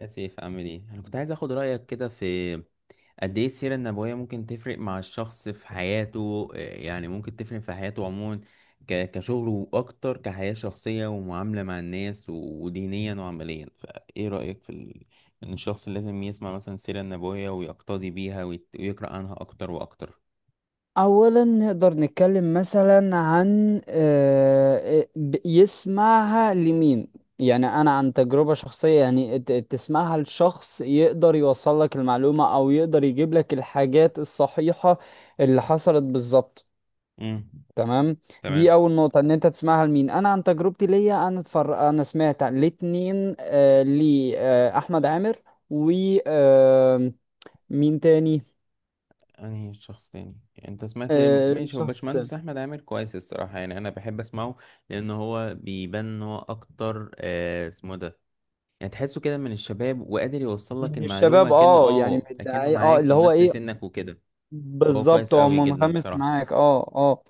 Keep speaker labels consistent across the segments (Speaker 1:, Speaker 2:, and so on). Speaker 1: يا سيف عامل ايه؟ انا كنت عايز اخد رايك كده في قد ايه السيره النبويه ممكن تفرق مع الشخص في حياته. إيه يعني ممكن تفرق في حياته عموما، كشغله واكتر، كحياه شخصيه ومعامله مع الناس ودينيا وعمليا؟ فايه رايك ان الشخص لازم يسمع مثلا السيره النبويه ويقتدي بيها، ويقرا عنها اكتر واكتر؟
Speaker 2: اولا نقدر نتكلم مثلا عن يسمعها لمين؟ يعني انا عن تجربة شخصية، يعني تسمعها لشخص يقدر يوصل لك المعلومة او يقدر يجيب لك الحاجات الصحيحة اللي حصلت بالظبط.
Speaker 1: امم
Speaker 2: تمام. دي
Speaker 1: تمام.
Speaker 2: اول نقطة، ان انت تسمعها لمين. انا عن تجربتي ليا، انا انا سمعت الاتنين. لي احمد عامر و آه، مين تاني؟
Speaker 1: انهي شخص تاني يعني انت سمعت؟ ماشي، هو
Speaker 2: شخص
Speaker 1: باشمهندس احمد عامر كويس الصراحه، يعني انا بحب اسمعه لان هو بيبان ان هو اكتر اسمه ده، يعني تحسه كده من الشباب وقادر يوصل لك
Speaker 2: من
Speaker 1: المعلومه،
Speaker 2: الشباب.
Speaker 1: كأنه
Speaker 2: اه يعني من
Speaker 1: كأنه
Speaker 2: الدعاية، اه
Speaker 1: معاك
Speaker 2: اللي
Speaker 1: ومن
Speaker 2: هو
Speaker 1: نفس
Speaker 2: ايه،
Speaker 1: سنك وكده. هو
Speaker 2: بالظبط
Speaker 1: كويس
Speaker 2: هو
Speaker 1: قوي جدا
Speaker 2: منغمس
Speaker 1: الصراحه.
Speaker 2: معاك. اه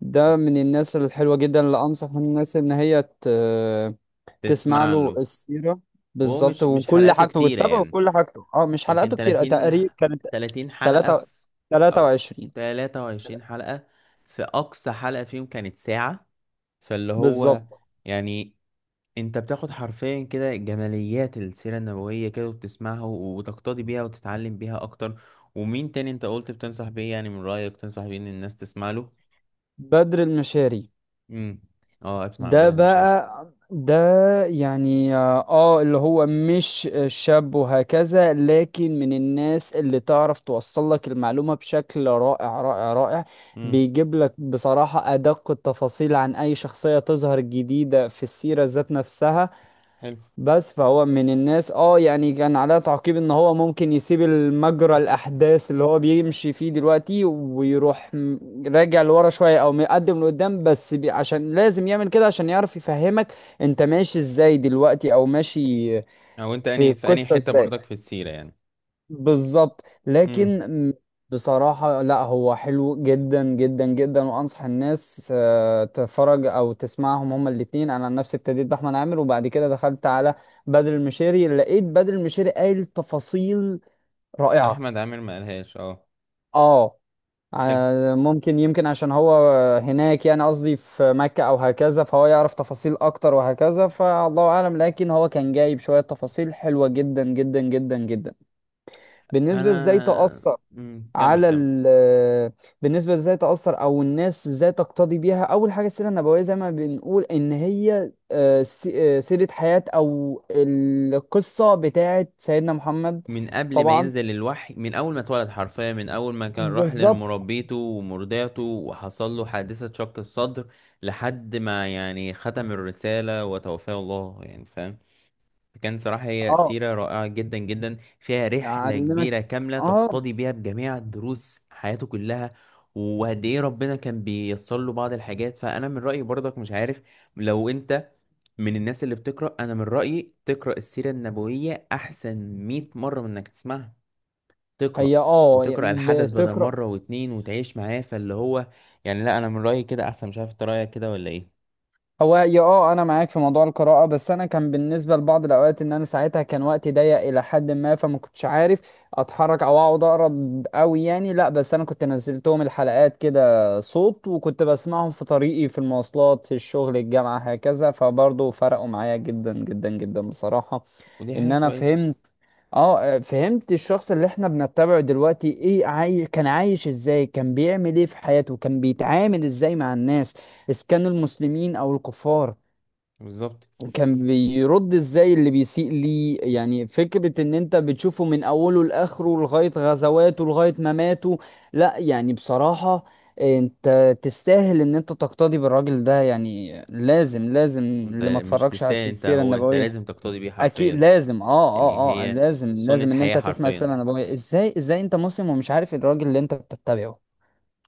Speaker 2: ده من الناس الحلوة جدا اللي انصح الناس ان هي تسمع
Speaker 1: تسمع
Speaker 2: له
Speaker 1: له.
Speaker 2: السيرة
Speaker 1: وهو
Speaker 2: بالظبط،
Speaker 1: مش
Speaker 2: وكل
Speaker 1: حلقاته
Speaker 2: حاجته،
Speaker 1: كتيره،
Speaker 2: وتتابعه
Speaker 1: يعني
Speaker 2: كل حاجته. اه مش
Speaker 1: يمكن
Speaker 2: حلقاته كتير
Speaker 1: 30،
Speaker 2: تقريبا كانت.
Speaker 1: 30 حلقه في،
Speaker 2: 3.
Speaker 1: او
Speaker 2: 23.
Speaker 1: 23 حلقه. في اقصى حلقه فيهم كانت ساعه، فاللي هو
Speaker 2: بالظبط.
Speaker 1: يعني انت بتاخد حرفيا كده جماليات السيرة النبوية كده، وبتسمعها وتقتدي بيها وتتعلم بيها اكتر. ومين تاني انت قلت بتنصح بيه؟ يعني من رأيك تنصح بيه ان الناس تسمع له؟
Speaker 2: بدر المشاري.
Speaker 1: امم اه، اسمع عن
Speaker 2: ده
Speaker 1: بدر المشاري.
Speaker 2: بقى ده يعني اه، اللي هو مش شاب وهكذا، لكن من الناس اللي تعرف توصل لك المعلومة بشكل رائع رائع رائع.
Speaker 1: امم
Speaker 2: بيجيب لك بصراحة أدق التفاصيل عن أي شخصية تظهر جديدة في السيرة ذات نفسها.
Speaker 1: حلو.
Speaker 2: بس فهو من الناس، اه يعني كان عليها تعقيب ان هو ممكن يسيب المجرى الاحداث اللي هو بيمشي فيه دلوقتي ويروح راجع لورا شويه او مقدم لقدام، بس بي عشان لازم يعمل كده عشان يعرف يفهمك انت ماشي ازاي دلوقتي او ماشي
Speaker 1: او انت
Speaker 2: في
Speaker 1: اني في اني
Speaker 2: القصه
Speaker 1: حتة
Speaker 2: ازاي.
Speaker 1: برضك في السيرة يعني؟
Speaker 2: بالظبط.
Speaker 1: امم
Speaker 2: لكن م- بصراحة لا، هو حلو جدا جدا جدا، وأنصح الناس تتفرج أو تسمعهم هما الاتنين. أنا عن نفسي ابتديت بأحمد عامر، وبعد كده دخلت على بدر المشيري، لقيت بدر المشيري قايل تفاصيل رائعة.
Speaker 1: احمد عامر ما قالهاش؟ اه،
Speaker 2: اه
Speaker 1: حلو.
Speaker 2: ممكن يمكن عشان هو هناك، يعني قصدي في مكة أو هكذا، فهو يعرف تفاصيل أكتر وهكذا، فالله أعلم. لكن هو كان جايب شوية تفاصيل حلوة جدا جدا جدا جدا.
Speaker 1: انا
Speaker 2: بالنسبة إزاي تأثر
Speaker 1: كمل
Speaker 2: على
Speaker 1: كمل
Speaker 2: بالنسبة ازاي تأثر، أو الناس ازاي تقتدي بيها. أول حاجة، السيرة النبوية زي ما بنقول إن هي سيرة حياة أو القصة بتاعة سيدنا محمد.
Speaker 1: من قبل ما
Speaker 2: طبعا.
Speaker 1: ينزل الوحي، من اول ما اتولد حرفيا، من اول ما كان راح
Speaker 2: بالظبط.
Speaker 1: لمربيته ومرضعته وحصل له حادثة شق الصدر، لحد ما يعني ختم الرسالة وتوفاه الله يعني، فاهم؟ فكان صراحة هي
Speaker 2: اه
Speaker 1: سيرة رائعة جدا جدا، فيها رحلة
Speaker 2: يعلمك.
Speaker 1: كبيرة كاملة
Speaker 2: اه
Speaker 1: تقتضي بيها بجميع دروس حياته كلها، وقد ايه ربنا كان بييسر له بعض الحاجات. فانا من رأيي برضك، مش عارف لو انت من الناس اللي بتقرأ، انا من رأيي تقرأ السيرة النبوية احسن 100 مرة من انك تسمعها. تقرأ
Speaker 2: هي اه
Speaker 1: الحدث بدل
Speaker 2: بتقرأ.
Speaker 1: مرة واتنين وتعيش معاه، فاللي هو يعني، لا، أنا من رأيي كده أحسن. مش عارف أنت رأيك كده ولا إيه؟
Speaker 2: هو يا اه انا معاك في موضوع القراءة، بس انا كان بالنسبة لبعض الاوقات ان انا ساعتها كان وقتي ضيق الى حد ما، فما كنتش عارف اتحرك او اقعد اقرا قوي يعني، لا. بس انا كنت نزلتهم الحلقات كده صوت، وكنت بسمعهم في طريقي، في المواصلات، في الشغل، الجامعة، هكذا، فبرضه فرقوا معايا جدا جدا جدا بصراحة.
Speaker 1: ودي
Speaker 2: ان
Speaker 1: حاجة
Speaker 2: انا
Speaker 1: كويسة.
Speaker 2: فهمت، اه فهمت الشخص اللي احنا بنتبعه دلوقتي ايه. كان عايش ازاي، كان بيعمل ايه في حياته، كان بيتعامل ازاي مع الناس اذا كانوا المسلمين او الكفار،
Speaker 1: بالظبط.
Speaker 2: كان بيرد ازاي اللي بيسيء ليه. يعني فكرة ان انت بتشوفه من اوله لاخره، لغاية غزواته لغاية مماته. لا يعني بصراحة انت تستاهل ان انت تقتدي بالراجل ده، يعني لازم لازم
Speaker 1: أنت
Speaker 2: اللي ما
Speaker 1: مش
Speaker 2: اتفرجش على
Speaker 1: تستاهل أنت
Speaker 2: السيرة
Speaker 1: هو أنت
Speaker 2: النبوية.
Speaker 1: لازم تقتدي بيه
Speaker 2: اكيد
Speaker 1: حرفيا.
Speaker 2: لازم. اه
Speaker 1: يعني
Speaker 2: اه اه
Speaker 1: هي
Speaker 2: لازم
Speaker 1: سنة
Speaker 2: لازم ان
Speaker 1: حياة
Speaker 2: انت تسمع
Speaker 1: حرفيا،
Speaker 2: السلام. انا بقول ازاي، ازاي انت مسلم ومش عارف الراجل اللي انت بتتبعه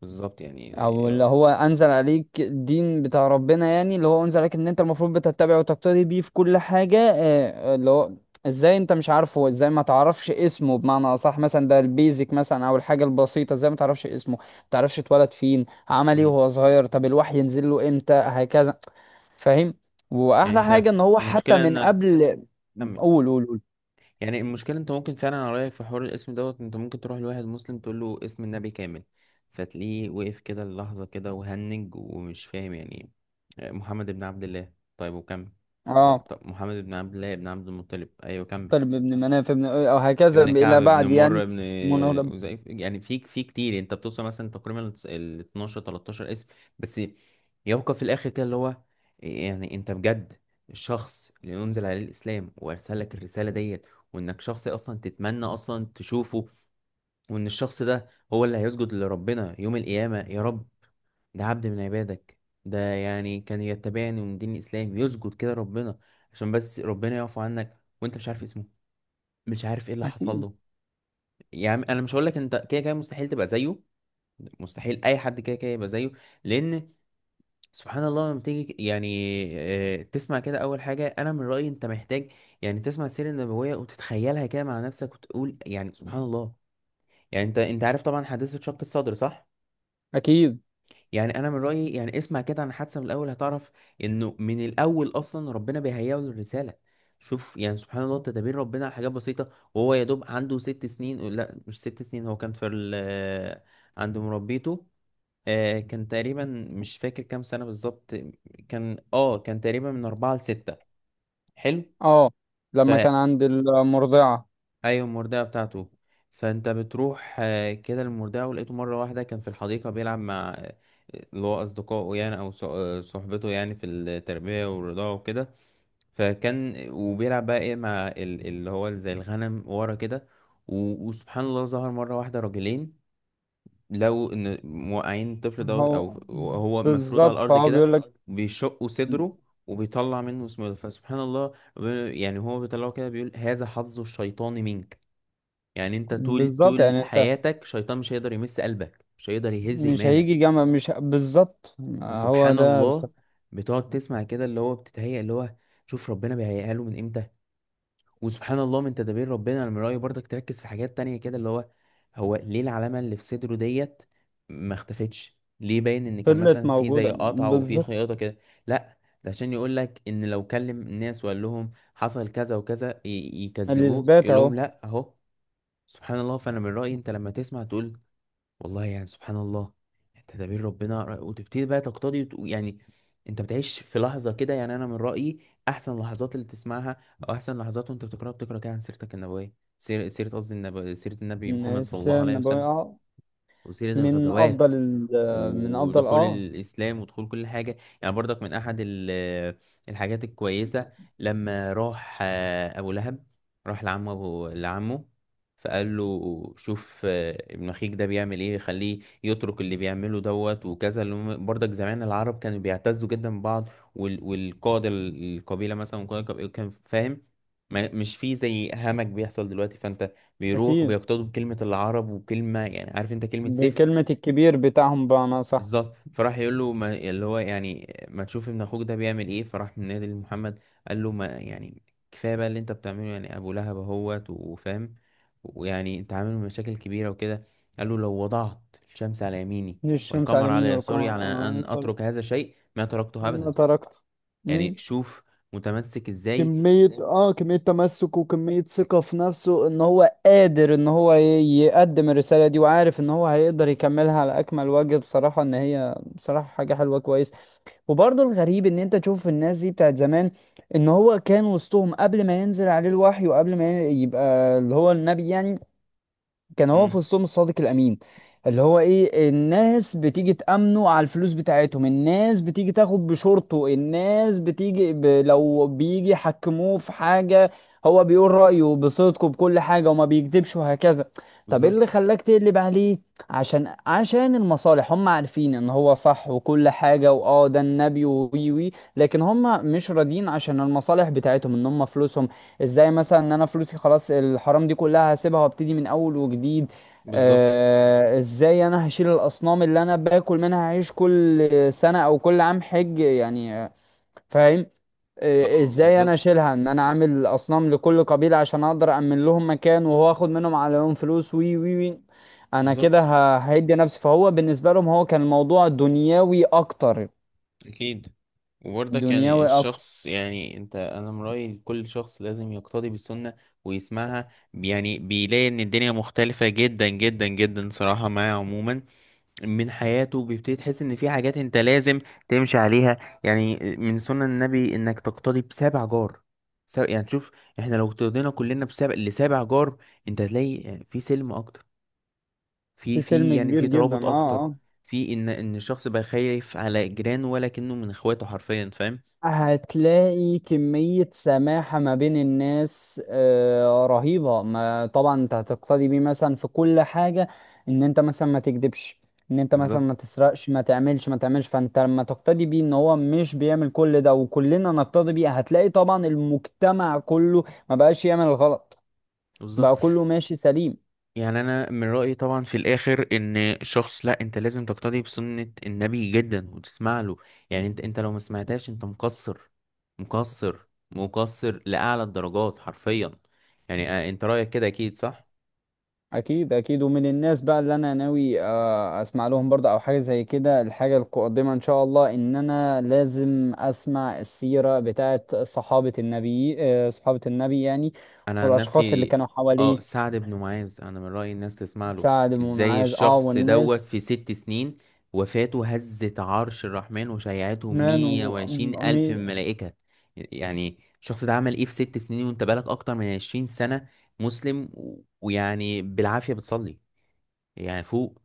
Speaker 1: بالظبط يعني.
Speaker 2: او اللي هو انزل عليك الدين بتاع ربنا، يعني اللي هو انزل عليك ان انت المفروض بتتبعه وتقتدي بيه في كل حاجة. اللي هو ازاي انت مش عارفه، ازاي ما تعرفش اسمه بمعنى اصح، مثلا ده البيزك مثلا، او الحاجة البسيطة، ازاي ما تعرفش اسمه، ما تعرفش اتولد فين، عمل ايه
Speaker 1: مم.
Speaker 2: وهو صغير، طب الوحي ينزل له امتى، هكذا. فاهم.
Speaker 1: يعني
Speaker 2: واحلى
Speaker 1: أنت،
Speaker 2: حاجة ان هو حتى
Speaker 1: المشكلة
Speaker 2: من
Speaker 1: إنك
Speaker 2: قبل.
Speaker 1: كمل.
Speaker 2: قول.
Speaker 1: يعني المشكلة انت ممكن فعلا، على رأيك، في حوار الاسم دوت انت ممكن تروح لواحد مسلم تقول له اسم النبي كامل، فتلاقيه وقف كده اللحظة كده وهنج ومش فاهم يعني. محمد بن عبد الله، طيب وكمل؟ لا،
Speaker 2: اه
Speaker 1: طب محمد بن عبد الله بن عبد المطلب، ايوه كمل،
Speaker 2: طالب ابن مناف ابن او هكذا
Speaker 1: ابن كعب
Speaker 2: الى
Speaker 1: ابن
Speaker 2: بعد
Speaker 1: مر
Speaker 2: يعني. منور.
Speaker 1: يعني في كتير، انت بتوصل مثلا تقريبا ال 12، 13 اسم بس، يبقى في الاخر كده اللي هو يعني انت بجد الشخص اللي انزل عليه الاسلام وارسل لك الرساله ديت، وانك شخص اصلا تتمنى اصلا تشوفه، وان الشخص ده هو اللي هيسجد لربنا يوم القيامه، يا رب ده عبد من عبادك، ده يعني كان يتبعني من دين الاسلام يسجد كده ربنا عشان بس ربنا يعفو عنك، وانت مش عارف اسمه، مش عارف ايه اللي حصل
Speaker 2: اكيد
Speaker 1: له. يعني انا مش هقول لك انت كده كده مستحيل تبقى زيه، مستحيل اي حد كده كده يبقى زيه، لان سبحان الله لما تيجي يعني تسمع كده، اول حاجه انا من رايي انت محتاج يعني تسمع السيره النبويه وتتخيلها كده مع نفسك وتقول يعني سبحان الله. يعني انت عارف طبعا حادثه شق الصدر، صح؟
Speaker 2: اكيد.
Speaker 1: يعني انا من رايي يعني اسمع كده عن حادثه، من الاول هتعرف انه من الاول اصلا ربنا بيهيئه للرساله. شوف يعني سبحان الله تدابير ربنا على حاجات بسيطه، وهو يا دوب عنده ست سنين، لا مش ست سنين، هو كان في ال عند مربيته. كان تقريبا، مش فاكر كام سنه بالظبط، كان كان تقريبا من اربعه لسته. حلو.
Speaker 2: اه
Speaker 1: ف
Speaker 2: لما كان عند المرضعه.
Speaker 1: ايوه المرداه بتاعته، فانت بتروح كده المرداه، ولقيته مره واحده كان في الحديقه بيلعب مع اللي هو اصدقائه يعني، او صحبته يعني في التربيه والرضاعه وكده. فكان وبيلعب بقى ايه مع اللي هو زي الغنم ورا كده، وسبحان الله ظهر مره واحده راجلين، لو ان موقعين الطفل دوت او
Speaker 2: هو
Speaker 1: هو مفروض على
Speaker 2: بالظبط،
Speaker 1: الارض
Speaker 2: فهو
Speaker 1: كده،
Speaker 2: بيقول لك
Speaker 1: بيشقوا صدره وبيطلع منه اسمه ده. فسبحان الله يعني هو بيطلعه كده بيقول هذا حظ الشيطان منك، يعني انت طول
Speaker 2: بالظبط،
Speaker 1: طول
Speaker 2: يعني انت
Speaker 1: حياتك شيطان مش هيقدر يمس قلبك، مش هيقدر يهز
Speaker 2: مش هيجي
Speaker 1: ايمانك.
Speaker 2: جامعه، مش ه- بالظبط هو
Speaker 1: فسبحان
Speaker 2: ده بس.
Speaker 1: الله بتقعد تسمع كده اللي هو بتتهيأ اللي هو، شوف ربنا بيهيئها له من امتى. وسبحان الله من تدابير ربنا، انا من رأيي برضك تركز في حاجات تانية كده اللي هو، هو ليه العلامة اللي في صدره ديت ما اختفتش؟ ليه باين ان كان
Speaker 2: فضلت
Speaker 1: مثلا في زي
Speaker 2: موجوده
Speaker 1: قطعة وفي
Speaker 2: بالظبط.
Speaker 1: خياطة كده؟ لا، ده عشان يقول لك ان لو كلم الناس وقال لهم حصل كذا وكذا يكذبوه،
Speaker 2: الاثبات
Speaker 1: يقول لهم
Speaker 2: اهو.
Speaker 1: لا اهو. سبحان الله. فانا من رأيي انت لما تسمع تقول والله يعني سبحان الله تدابير ربنا، وتبتدي بقى تقتضي يعني انت بتعيش في لحظة كده. يعني انا من رأيي احسن لحظات اللي تسمعها، او احسن لحظات وانت بتقرأ كده عن سيرتك النبوية، سيرة قصدي النبي، سيرة النبي
Speaker 2: إن
Speaker 1: محمد صلى الله
Speaker 2: السيره
Speaker 1: عليه
Speaker 2: النبويه
Speaker 1: وسلم،
Speaker 2: اه
Speaker 1: وسيرة الغزوات
Speaker 2: من افضل
Speaker 1: ودخول
Speaker 2: اه.
Speaker 1: الإسلام ودخول كل حاجة. يعني برضك من أحد الحاجات الكويسة، لما راح أبو لهب، راح لعمه لعمه، فقال له شوف ابن أخيك ده بيعمل إيه، خليه يترك اللي بيعمله دوت وكذا. اللي برضك زمان العرب كانوا بيعتزوا جدا ببعض، والقادة القبيلة مثلا، وقائد القبيلة كان فاهم، مش في زي همج بيحصل دلوقتي. فأنت بيروح
Speaker 2: اكيد.
Speaker 1: وبيقتدوا بكلمة العرب وكلمة يعني، عارف أنت كلمة سيف،
Speaker 2: بكلمه الكبير بتاعهم بمعنى، صح.
Speaker 1: بالظبط. فراح يقول له ما اللي هو يعني ما تشوف ابن اخوك ده بيعمل ايه، فراح من نادي لمحمد قال له ما يعني كفايه بقى اللي انت بتعمله يعني، ابو لهب اهوت وفاهم، ويعني انت عامل مشاكل كبيره وكده. قال له لو وضعت الشمس على يميني
Speaker 2: الشمس
Speaker 1: والقمر
Speaker 2: على مين
Speaker 1: على يساري
Speaker 2: والقمر
Speaker 1: على
Speaker 2: آه
Speaker 1: ان
Speaker 2: يصل.
Speaker 1: اترك هذا الشيء ما تركته
Speaker 2: ما
Speaker 1: ابدا.
Speaker 2: تركته. مم.
Speaker 1: يعني شوف متمسك ازاي.
Speaker 2: كمية اه كمية تمسك، وكمية ثقة في نفسه ان هو قادر ان هو يقدم الرسالة دي، وعارف ان هو هيقدر يكملها على اكمل وجه بصراحة. ان هي بصراحة حاجة حلوة كويس. وبرضه الغريب ان انت تشوف الناس دي بتاعت زمان، ان هو كان وسطهم قبل ما ينزل عليه الوحي، وقبل ما يبقى اللي هو النبي يعني، كان هو في
Speaker 1: امم
Speaker 2: وسطهم الصادق الامين. اللي هو ايه، الناس بتيجي تأمنه على الفلوس بتاعتهم، الناس بتيجي تاخد بشورته، الناس لو بيجي يحكموه في حاجة هو بيقول رأيه بصدقه بكل حاجة، وما بيكذبش وهكذا. طب ايه اللي
Speaker 1: بالظبط.
Speaker 2: خلاك تقلب عليه؟ عشان المصالح. هم عارفين ان هو صح وكل حاجة، واه ده النبي وي وي، لكن هم مش راضيين عشان المصالح بتاعتهم، ان هم فلوسهم ازاي. مثلا ان انا فلوسي خلاص، الحرام دي كلها هسيبها وابتدي من اول وجديد.
Speaker 1: بالظبط.
Speaker 2: آه ازاي انا هشيل الاصنام اللي انا باكل منها، هعيش كل سنة او كل عام حج يعني فاهم. آه
Speaker 1: اه
Speaker 2: ازاي انا
Speaker 1: بالظبط.
Speaker 2: اشيلها ان انا عامل اصنام لكل قبيلة عشان اقدر امن لهم مكان، وهو اخد منهم عليهم فلوس وي وي وي. انا كده
Speaker 1: بالظبط
Speaker 2: هيدي نفسي. فهو بالنسبة لهم هو كان الموضوع دنيوي اكتر.
Speaker 1: أكيد. وبرضك يعني
Speaker 2: دنيوي اكتر.
Speaker 1: الشخص يعني أنت، أنا من رأيي كل شخص لازم يقتدي بالسنة ويسمعها، يعني بيلاقي إن الدنيا مختلفة جدا جدا جدا صراحة معاه عموما. من حياته بيبتدي تحس إن في حاجات أنت لازم تمشي عليها. يعني من سنة النبي إنك تقتدي بسابع جار، يعني شوف، إحنا لو اقتدينا كلنا بسابع لسابع جار، أنت هتلاقي يعني في سلم أكتر،
Speaker 2: في
Speaker 1: في
Speaker 2: سلم
Speaker 1: يعني
Speaker 2: كبير
Speaker 1: في
Speaker 2: جدا
Speaker 1: ترابط
Speaker 2: اه.
Speaker 1: اكتر،
Speaker 2: اه
Speaker 1: في ان الشخص بقى خايف على جيرانه، ولا كأنه من اخواته حرفيا، فاهم؟
Speaker 2: هتلاقي كمية سماحة ما بين الناس رهيبة. ما طبعا انت هتقتدي بيه مثلا في كل حاجة، ان انت مثلا ما تكذبش، ان انت مثلا
Speaker 1: بالظبط.
Speaker 2: ما تسرقش، ما تعملش. فانت لما تقتدي بيه ان هو مش بيعمل كل ده، وكلنا نقتدي بيه، هتلاقي طبعا المجتمع كله ما بقاش يعمل الغلط، بقى
Speaker 1: بالظبط.
Speaker 2: كله ماشي سليم.
Speaker 1: يعني انا من رأيي طبعا في الاخر ان شخص، لا انت لازم تقتدي بسنة النبي جدا وتسمع له. يعني انت لو ما سمعتهاش انت مقصر، مقصر، مقصر لأعلى الدرجات حرفيا. يعني انت رأيك كده اكيد صح.
Speaker 2: اكيد اكيد. ومن الناس بقى اللي انا ناوي اسمع لهم برضه او حاجه زي كده، الحاجه القادمه ان شاء الله، ان انا لازم اسمع السيره بتاعه صحابه النبي، صحابه النبي يعني
Speaker 1: انا عن
Speaker 2: والاشخاص اللي
Speaker 1: نفسي،
Speaker 2: كانوا
Speaker 1: اه
Speaker 2: حواليه.
Speaker 1: سعد بن معاذ، انا من رأيي الناس تسمع له.
Speaker 2: سعد بن
Speaker 1: ازاي
Speaker 2: معاذ اه
Speaker 1: الشخص دوت
Speaker 2: والناس.
Speaker 1: في ست سنين وفاته هزت عرش الرحمن وشيعته
Speaker 2: مان و...
Speaker 1: مية وعشرين ألف من
Speaker 2: مي-
Speaker 1: الملائكة؟ يعني الشخص ده عمل ايه في ست سنين، وانت بقالك اكتر من عشرين سنة مسلم ويعني بالعافية بتصلي؟ يعني فوق،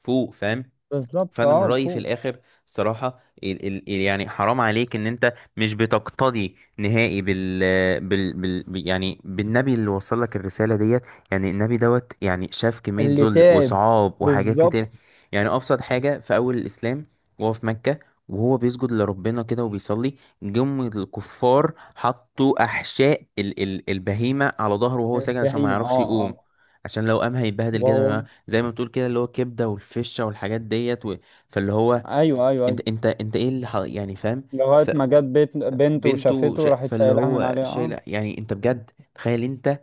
Speaker 1: فوق، فاهم؟
Speaker 2: بالظبط
Speaker 1: فانا من
Speaker 2: اه
Speaker 1: رايي في
Speaker 2: فوق.
Speaker 1: الاخر الصراحه يعني حرام عليك ان انت مش بتقتدي نهائي يعني بالنبي اللي وصل لك الرساله ديت. يعني النبي دوت يعني شاف كميه
Speaker 2: اللي
Speaker 1: ذل
Speaker 2: تعب.
Speaker 1: وصعاب وحاجات كتير.
Speaker 2: بالظبط.
Speaker 1: يعني ابسط حاجه في اول الاسلام، وهو في مكه وهو بيسجد لربنا كده وبيصلي، جم الكفار حطوا احشاء ال ال البهيمه على ظهره وهو ساجد عشان ما
Speaker 2: البهيمه
Speaker 1: يعرفش
Speaker 2: اه
Speaker 1: يقوم،
Speaker 2: اه
Speaker 1: عشان لو قام هيتبهدل جدا
Speaker 2: وهو.
Speaker 1: زي ما بتقول كده اللي هو كبده والفشه والحاجات ديت. فاللي هو
Speaker 2: ايوه ايوه
Speaker 1: انت
Speaker 2: ايوه
Speaker 1: انت انت ايه يعني فاهم؟
Speaker 2: لغايه ما جت بيت بنته وشافته راحت
Speaker 1: فاللي
Speaker 2: شايلها من
Speaker 1: هو
Speaker 2: عليها اه.
Speaker 1: شايل، يعني انت بجد تخيل انت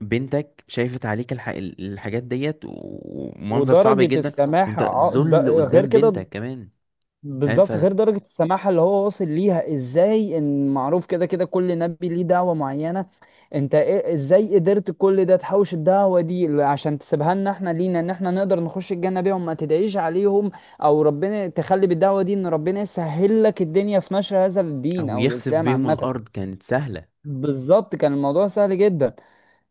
Speaker 1: بنتك الحاجات ديت، ومنظر صعب
Speaker 2: ودرجة
Speaker 1: جدا،
Speaker 2: السماحة
Speaker 1: وانت ذل
Speaker 2: غير
Speaker 1: قدام
Speaker 2: كده.
Speaker 1: بنتك كمان، فاهم؟ ف
Speaker 2: بالظبط، غير درجة السماحة اللي هو واصل ليها ازاي، ان معروف كده كده كل نبي ليه دعوة معينة. انت ازاي قدرت كل ده تحوش الدعوة دي عشان تسيبها لنا احنا، لينا ان احنا نقدر نخش الجنة بيهم، ما تدعيش عليهم او ربنا تخلي بالدعوة دي ان ربنا يسهل لك الدنيا في نشر هذا الدين
Speaker 1: او
Speaker 2: او
Speaker 1: يخسف
Speaker 2: الاسلام
Speaker 1: بيهم
Speaker 2: عامة.
Speaker 1: الارض كانت سهلة.
Speaker 2: بالظبط كان الموضوع سهل جدا.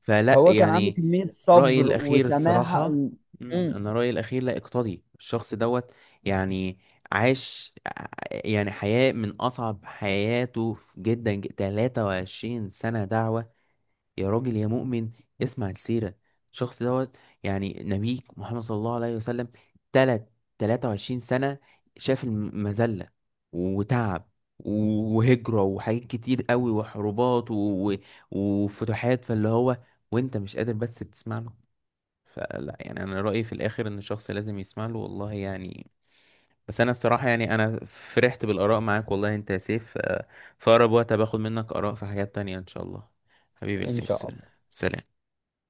Speaker 1: فلا
Speaker 2: هو كان عنده
Speaker 1: يعني،
Speaker 2: كمية
Speaker 1: رأيي
Speaker 2: صبر
Speaker 1: الأخير
Speaker 2: وسماحة.
Speaker 1: الصراحة، مم،
Speaker 2: مم.
Speaker 1: أنا رأيي الأخير لا، اقتضي الشخص دوت. يعني عاش ع- يعني حياة من أصعب حياته جدا، تلاتة وعشرين سنة دعوة. يا راجل يا مؤمن اسمع السيرة، الشخص دوت يعني نبيك محمد صلى الله عليه وسلم. تلت 23 سنة شاف المذلة وتعب وهجرة وحاجات كتير قوي وحروبات و- وفتوحات، فاللي هو وانت مش قادر بس تسمع له؟ فلا يعني انا رأيي في الاخر ان الشخص لازم يسمع له، والله يعني. بس انا الصراحة يعني انا فرحت بالآراء معاك والله، انت يا سيف، في اقرب وقت باخد منك آراء في حاجات تانية ان شاء الله. حبيبي يا
Speaker 2: ان
Speaker 1: سيف،
Speaker 2: شاء الله.
Speaker 1: سلام.